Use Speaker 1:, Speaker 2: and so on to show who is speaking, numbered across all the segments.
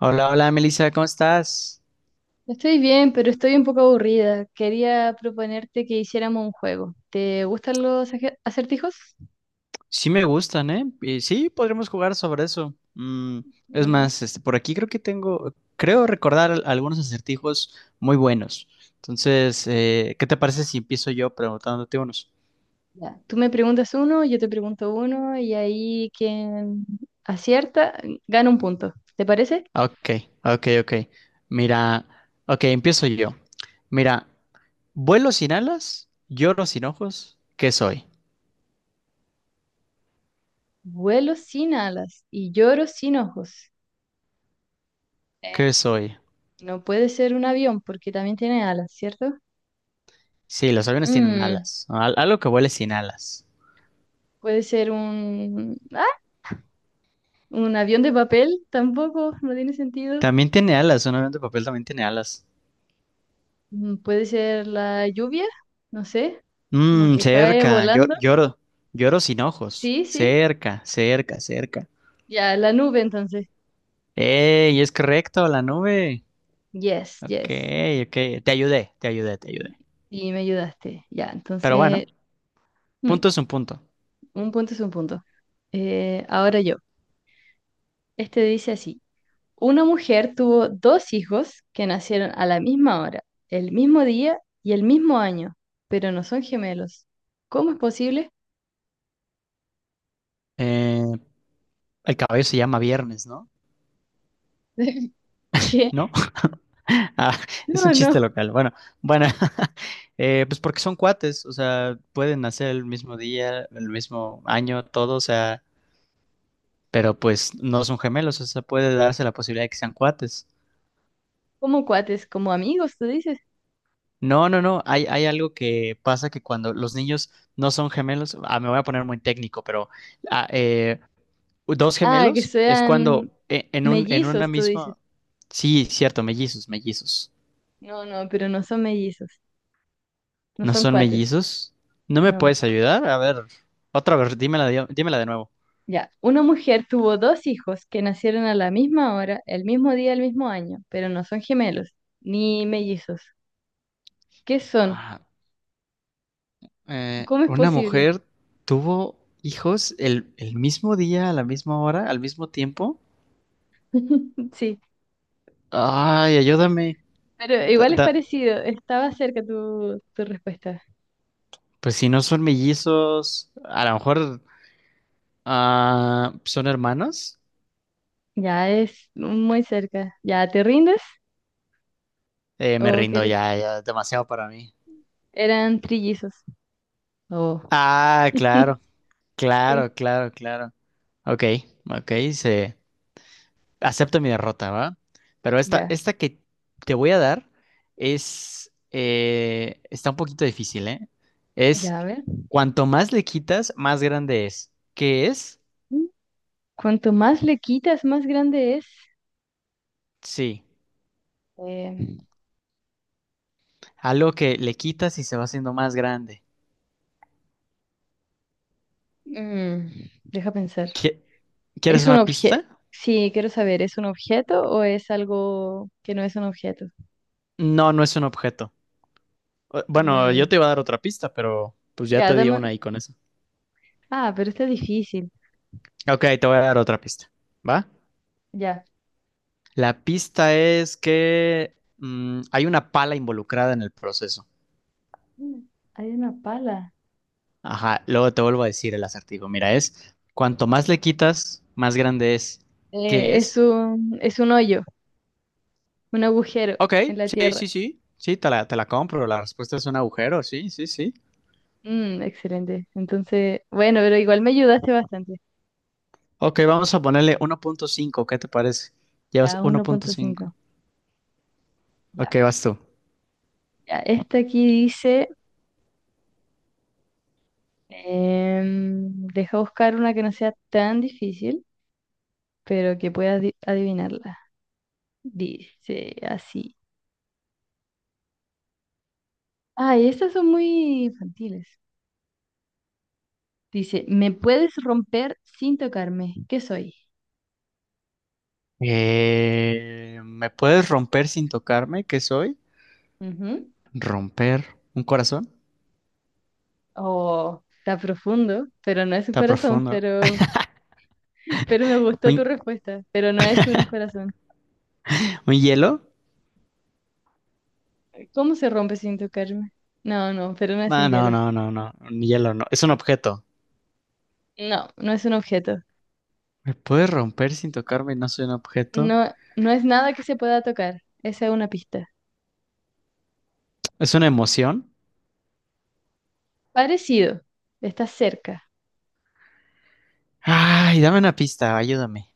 Speaker 1: Hola, hola, Melissa, ¿cómo estás?
Speaker 2: Estoy bien, pero estoy un poco aburrida. Quería proponerte que hiciéramos un juego. ¿Te gustan los acertijos?
Speaker 1: Sí me gustan, ¿eh? Y sí, podremos jugar sobre eso. Mm, es
Speaker 2: Mm,
Speaker 1: más, este, por aquí creo que tengo, creo recordar algunos acertijos muy buenos. Entonces, ¿qué te parece si empiezo yo preguntándote unos?
Speaker 2: ya. Tú me preguntas uno, yo te pregunto uno, y ahí quien acierta gana un punto. ¿Te parece?
Speaker 1: Ah, ok, ok, ok. Mira, ok, empiezo yo. Mira, vuelo sin alas, lloro sin ojos, ¿qué soy?
Speaker 2: Vuelo sin alas y lloro sin ojos. Eh,
Speaker 1: ¿Qué soy?
Speaker 2: no puede ser un avión porque también tiene alas, ¿cierto?
Speaker 1: Sí, los aviones tienen
Speaker 2: Mm,
Speaker 1: alas, ¿no? Algo que vuele sin alas.
Speaker 2: puede ser un... ¡Ah! Un avión de papel, tampoco, no tiene sentido.
Speaker 1: También tiene alas, un avión de papel también tiene alas.
Speaker 2: Mm, puede ser la lluvia, no sé, como
Speaker 1: Mmm,
Speaker 2: que cae
Speaker 1: cerca.
Speaker 2: volando.
Speaker 1: Lloro, lloro sin ojos.
Speaker 2: Sí, sí.
Speaker 1: Cerca, cerca, cerca.
Speaker 2: Ya, la nube entonces.
Speaker 1: ¡Ey! Es correcto, la nube.
Speaker 2: Yes,
Speaker 1: Ok,
Speaker 2: yes.
Speaker 1: ok. Te ayudé, te ayudé, te ayudé.
Speaker 2: Y me ayudaste. Ya,
Speaker 1: Pero bueno,
Speaker 2: entonces, mm,
Speaker 1: punto es un punto.
Speaker 2: un punto es un punto. Ahora yo. Este dice así. Una mujer tuvo dos hijos que nacieron a la misma hora, el mismo día y el mismo año, pero no son gemelos. ¿Cómo es posible?
Speaker 1: Eh, el caballo se llama Viernes, ¿no?
Speaker 2: que
Speaker 1: ¿No? Ah, es un
Speaker 2: No,
Speaker 1: chiste
Speaker 2: no.
Speaker 1: local. Bueno, bueno, pues porque son cuates, o sea, pueden nacer el mismo día, el mismo año, todo, o sea, pero pues no son gemelos, o sea, puede darse la posibilidad de que sean cuates.
Speaker 2: Como cuates, como amigos, tú dices.
Speaker 1: No, no, no. Hay algo que pasa que cuando los niños no son gemelos, ah, me voy a poner muy técnico, pero ah, eh, dos
Speaker 2: Ah, que
Speaker 1: gemelos es cuando
Speaker 2: sean
Speaker 1: en un, en una
Speaker 2: mellizos, tú dices.
Speaker 1: misma. Sí, cierto, mellizos, mellizos.
Speaker 2: No, no, pero no son mellizos, no
Speaker 1: ¿No
Speaker 2: son
Speaker 1: son
Speaker 2: cuates,
Speaker 1: mellizos? ¿No me
Speaker 2: no.
Speaker 1: puedes ayudar? A ver, otra vez, dímela de nuevo.
Speaker 2: Ya, una mujer tuvo dos hijos que nacieron a la misma hora, el mismo día, el mismo año, pero no son gemelos, ni mellizos. ¿Qué son?
Speaker 1: Ah,
Speaker 2: ¿Cómo es
Speaker 1: una
Speaker 2: posible?
Speaker 1: mujer tuvo hijos el mismo día, a la misma hora, al mismo tiempo.
Speaker 2: Sí,
Speaker 1: Ay, ayúdame.
Speaker 2: pero
Speaker 1: Da.
Speaker 2: igual es
Speaker 1: da-
Speaker 2: parecido, estaba cerca tu respuesta.
Speaker 1: Pues si no son mellizos, a lo mejor son hermanos.
Speaker 2: Ya es muy cerca. ¿Ya te rindes
Speaker 1: Me
Speaker 2: o
Speaker 1: rindo
Speaker 2: quieres?
Speaker 1: ya, ya, es demasiado para mí.
Speaker 2: Eran trillizos. Oh.
Speaker 1: Ah, claro,
Speaker 2: Sí,
Speaker 1: claro, claro, claro. Ok, ok, se acepto mi derrota, ¿va? Pero esta,
Speaker 2: ya,
Speaker 1: esta que te voy a dar es, está un poquito difícil, ¿eh? Es
Speaker 2: ya, a ver.
Speaker 1: cuanto más le quitas, más grande es. ¿Qué es?
Speaker 2: Cuanto más le quitas, más grande es.
Speaker 1: Sí,
Speaker 2: Eh,
Speaker 1: algo que le quitas y se va haciendo más grande.
Speaker 2: mm, Deja pensar.
Speaker 1: ¿Qui-
Speaker 2: ¿Es
Speaker 1: ¿Quieres
Speaker 2: un
Speaker 1: una
Speaker 2: objeto?
Speaker 1: pista?
Speaker 2: Sí, quiero saber, ¿es un objeto o es algo que no es un objeto?
Speaker 1: No, no es un objeto. Bueno, yo
Speaker 2: Mm,
Speaker 1: te iba a dar otra pista, pero pues ya
Speaker 2: ya,
Speaker 1: te di una
Speaker 2: dame.
Speaker 1: ahí con eso.
Speaker 2: Ah, pero está difícil.
Speaker 1: Ok, te voy a dar otra pista. ¿Va?
Speaker 2: Ya.
Speaker 1: La pista es que hay una pala involucrada en el proceso.
Speaker 2: Mm, hay una pala.
Speaker 1: Ajá, luego te vuelvo a decir el acertijo. Mira, es cuanto más le quitas, más grande es. ¿Qué es?
Speaker 2: Es un hoyo, un agujero
Speaker 1: Ok,
Speaker 2: en la
Speaker 1: sí,
Speaker 2: tierra.
Speaker 1: sí, sí. Sí, te la compro. La respuesta es un agujero. Sí, sí, sí.
Speaker 2: Mm, excelente. Entonces, bueno, pero igual me ayudaste bastante.
Speaker 1: Ok, vamos a ponerle uno punto cinco. ¿Qué te parece? Llevas
Speaker 2: Ya,
Speaker 1: uno
Speaker 2: uno
Speaker 1: punto
Speaker 2: punto
Speaker 1: cinco.
Speaker 2: cinco.
Speaker 1: Ok,
Speaker 2: Ya,
Speaker 1: vas tú.
Speaker 2: ya. Esta aquí dice. Em, deja buscar una que no sea tan difícil, pero que puedas adivinarla. Dice así. Ay, estas son muy infantiles. Dice, me puedes romper sin tocarme. ¿Qué soy?
Speaker 1: ¿Me puedes romper sin tocarme? ¿Qué soy?
Speaker 2: Ujú.
Speaker 1: ¿Romper un corazón?
Speaker 2: Oh, está profundo, pero no es un
Speaker 1: Está
Speaker 2: corazón,
Speaker 1: profundo.
Speaker 2: pero me gustó
Speaker 1: ¿Un,
Speaker 2: tu respuesta, pero no es un corazón.
Speaker 1: un hielo?
Speaker 2: ¿Cómo se rompe sin tocarme? No, no, pero no es
Speaker 1: Ah,
Speaker 2: un
Speaker 1: no,
Speaker 2: hielo.
Speaker 1: no, no, no. Un hielo no. Es un objeto.
Speaker 2: No, no es un objeto.
Speaker 1: ¿Me puedes romper sin tocarme? No soy un objeto.
Speaker 2: No, no es nada que se pueda tocar. Esa es una pista.
Speaker 1: ¿Es una emoción?
Speaker 2: Parecido, está cerca.
Speaker 1: Ay, dame una pista, ayúdame.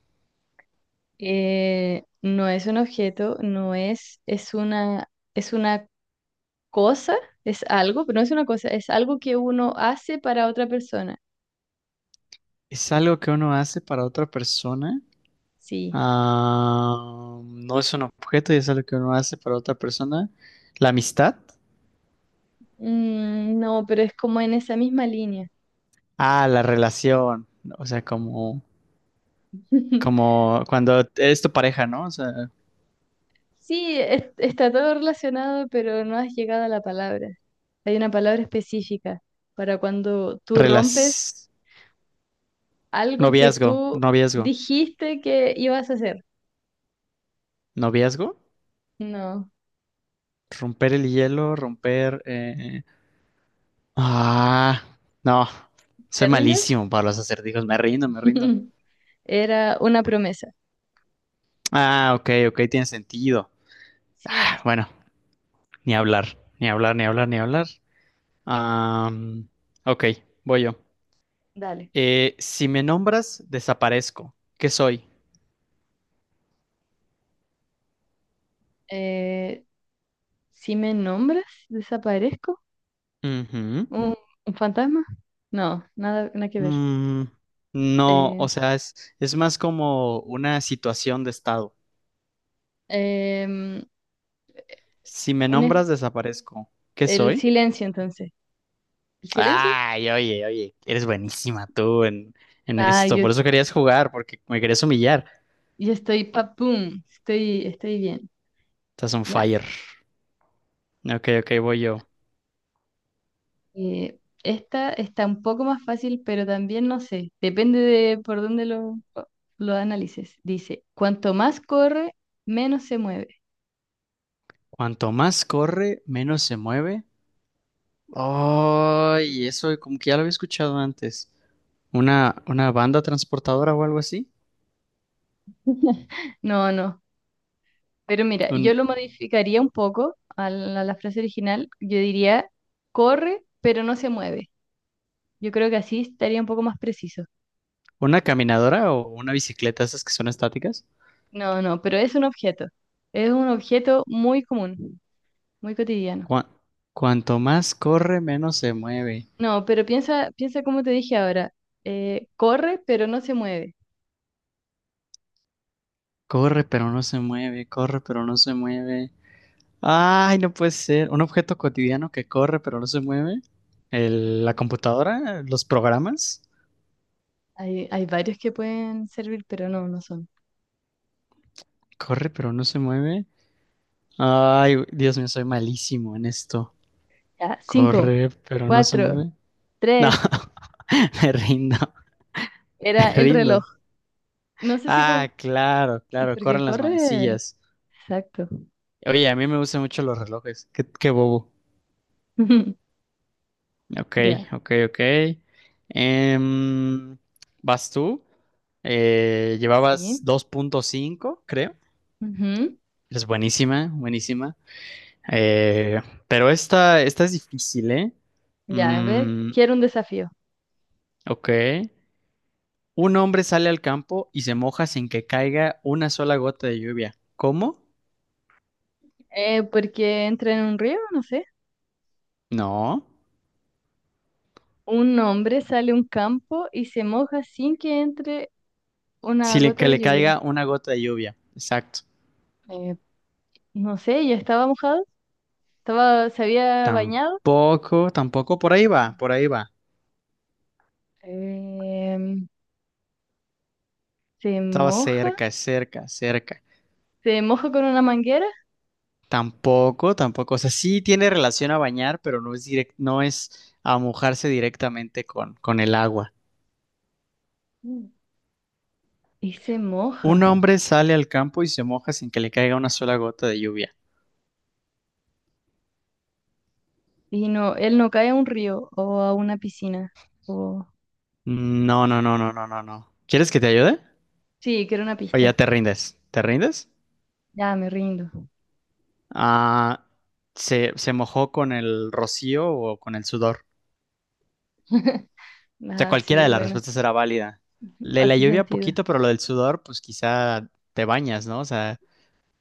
Speaker 2: No es un objeto, no es, Es una, es una cosa, es algo, pero no es una cosa, es algo que uno hace para otra persona.
Speaker 1: ¿Es algo que uno hace para otra persona?
Speaker 2: Sí.
Speaker 1: Ah, no es un objeto y es algo que uno hace para otra persona. ¿La amistad?
Speaker 2: Mm, no, pero es como en esa misma línea.
Speaker 1: Ah, la relación. O sea, como... como cuando eres tu pareja, ¿no? O sea,
Speaker 2: Sí, está todo relacionado, pero no has llegado a la palabra. Hay una palabra específica para cuando tú rompes
Speaker 1: relas...
Speaker 2: algo que
Speaker 1: noviazgo,
Speaker 2: tú
Speaker 1: noviazgo,
Speaker 2: dijiste que ibas a hacer.
Speaker 1: noviazgo,
Speaker 2: No,
Speaker 1: romper el hielo, romper... Ah, no, soy
Speaker 2: ¿te rindes?
Speaker 1: malísimo para los acertijos, me rindo, me rindo.
Speaker 2: Era una promesa.
Speaker 1: Ah, ok, ok, tiene sentido.
Speaker 2: Sí,
Speaker 1: Ah, bueno, ni hablar, ni hablar, ni hablar, ni hablar. Am, ok, voy yo.
Speaker 2: dale.
Speaker 1: Si me nombras, desaparezco. ¿Qué soy?
Speaker 2: Eh, si me nombras, desaparezco.
Speaker 1: Ujú.
Speaker 2: ¿Un, ¿Un fantasma? No, nada, nada que ver.
Speaker 1: Mm, no,
Speaker 2: Eh,
Speaker 1: o sea, es más como una situación de estado.
Speaker 2: em,
Speaker 1: Si me
Speaker 2: un es-
Speaker 1: nombras, desaparezco. ¿Qué
Speaker 2: el
Speaker 1: soy?
Speaker 2: silencio, entonces. ¿El silencio?
Speaker 1: Ay, oye, oye, eres buenísima tú en
Speaker 2: Ah,
Speaker 1: esto.
Speaker 2: yo,
Speaker 1: Por eso querías jugar, porque me querías humillar.
Speaker 2: yo estoy papum, estoy, estoy bien.
Speaker 1: Estás on
Speaker 2: Ya.
Speaker 1: fire. Ok, ok, voy yo.
Speaker 2: Esta está un poco más fácil, pero también no sé. Depende de por dónde lo analices. Dice, cuanto más corre, menos se mueve.
Speaker 1: Cuanto más corre, menos se mueve. Ay, eso como que ya lo había escuchado antes. Una banda transportadora o algo así?
Speaker 2: No, no. Pero mira, yo
Speaker 1: ¿Un-
Speaker 2: lo modificaría un poco a a la frase original. Yo diría, corre, pero no se mueve. Yo creo que así estaría un poco más preciso.
Speaker 1: una caminadora o una bicicleta, esas que son estáticas?
Speaker 2: No, no, pero es un objeto. Es un objeto muy común, muy cotidiano.
Speaker 1: Cua- cuanto más corre, menos se mueve.
Speaker 2: No, pero piensa, piensa como te dije ahora. Corre, pero no se mueve.
Speaker 1: Corre, pero no se mueve. Corre, pero no se mueve. Ay, no puede ser. Un objeto cotidiano que corre, pero no se mueve. La computadora, los programas.
Speaker 2: Hay varios que pueden servir, pero no, no son.
Speaker 1: Corre, pero no se mueve. Ay, güey, Dios mío, soy malísimo en esto.
Speaker 2: Ya, cinco,
Speaker 1: Corre, pero no se
Speaker 2: cuatro,
Speaker 1: mueve. No,
Speaker 2: tres.
Speaker 1: me rindo,
Speaker 2: Era
Speaker 1: me
Speaker 2: el reloj.
Speaker 1: rindo.
Speaker 2: No sé si con...
Speaker 1: Ah, claro, claro,
Speaker 2: Porque
Speaker 1: corren las
Speaker 2: corre...
Speaker 1: manecillas.
Speaker 2: Exacto.
Speaker 1: Oye, a mí me gustan mucho los relojes. Qué, qué bobo. Ok,
Speaker 2: Ya.
Speaker 1: ok, ok. Em, ¿Vas tú? Llevabas
Speaker 2: Sí.
Speaker 1: dos punto cinco, creo.
Speaker 2: Ujú.
Speaker 1: Es buenísima, buenísima. Eh, pero esta, esta es difícil, ¿eh?
Speaker 2: Ya, a ver,
Speaker 1: Mm,
Speaker 2: quiero un desafío.
Speaker 1: ok. Un hombre sale al campo y se moja sin que caiga una sola gota de lluvia. ¿Cómo?
Speaker 2: Porque entra en un río, no sé.
Speaker 1: No.
Speaker 2: Un hombre sale a un campo y se moja sin que entre una
Speaker 1: Sin le-
Speaker 2: gota
Speaker 1: que le
Speaker 2: de lluvia.
Speaker 1: caiga una gota de lluvia. Exacto.
Speaker 2: Eh, no sé, ya estaba mojado, estaba, se había bañado.
Speaker 1: Tampoco, tampoco. Por ahí va, por ahí va.
Speaker 2: Em, se
Speaker 1: Estaba
Speaker 2: moja,
Speaker 1: cerca, cerca, cerca.
Speaker 2: Se moja con una manguera.
Speaker 1: Tampoco, tampoco. O sea, sí tiene relación a bañar, pero no es a mojarse directamente con el agua.
Speaker 2: Mm, y se
Speaker 1: Un
Speaker 2: moja.
Speaker 1: hombre sale al campo y se moja sin que le caiga una sola gota de lluvia.
Speaker 2: Y no, él no cae a un río o a una piscina. O...
Speaker 1: No, no, no, no, no, no, no. ¿Quieres que te ayude?
Speaker 2: Sí, que era una
Speaker 1: O ya
Speaker 2: pista.
Speaker 1: te rindes. ¿Te rindes?
Speaker 2: Ya, me rindo.
Speaker 1: Ah, se mojó con el rocío o con el sudor. O sea,
Speaker 2: Ah,
Speaker 1: cualquiera
Speaker 2: sí,
Speaker 1: de las
Speaker 2: bueno.
Speaker 1: respuestas era válida. Le la
Speaker 2: Hace
Speaker 1: lluvia
Speaker 2: sentido.
Speaker 1: poquito, pero lo del sudor, pues quizá te bañas, ¿no? O sea,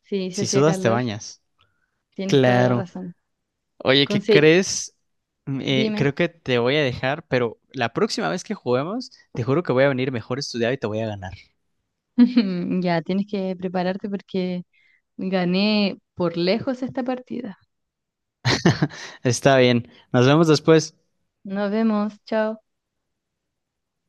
Speaker 2: Sí, si
Speaker 1: si
Speaker 2: hacía
Speaker 1: sudas, te
Speaker 2: calor,
Speaker 1: bañas.
Speaker 2: tienes toda la
Speaker 1: Claro.
Speaker 2: razón.
Speaker 1: Oye, ¿qué
Speaker 2: Conse-
Speaker 1: crees?
Speaker 2: Dime.
Speaker 1: Creo que te voy a dejar, pero la próxima vez que juguemos, te juro que voy a venir mejor estudiado y te voy a ganar.
Speaker 2: Ya, tienes que prepararte porque gané por lejos esta partida.
Speaker 1: Está bien, nos vemos después.
Speaker 2: Nos vemos. Chao.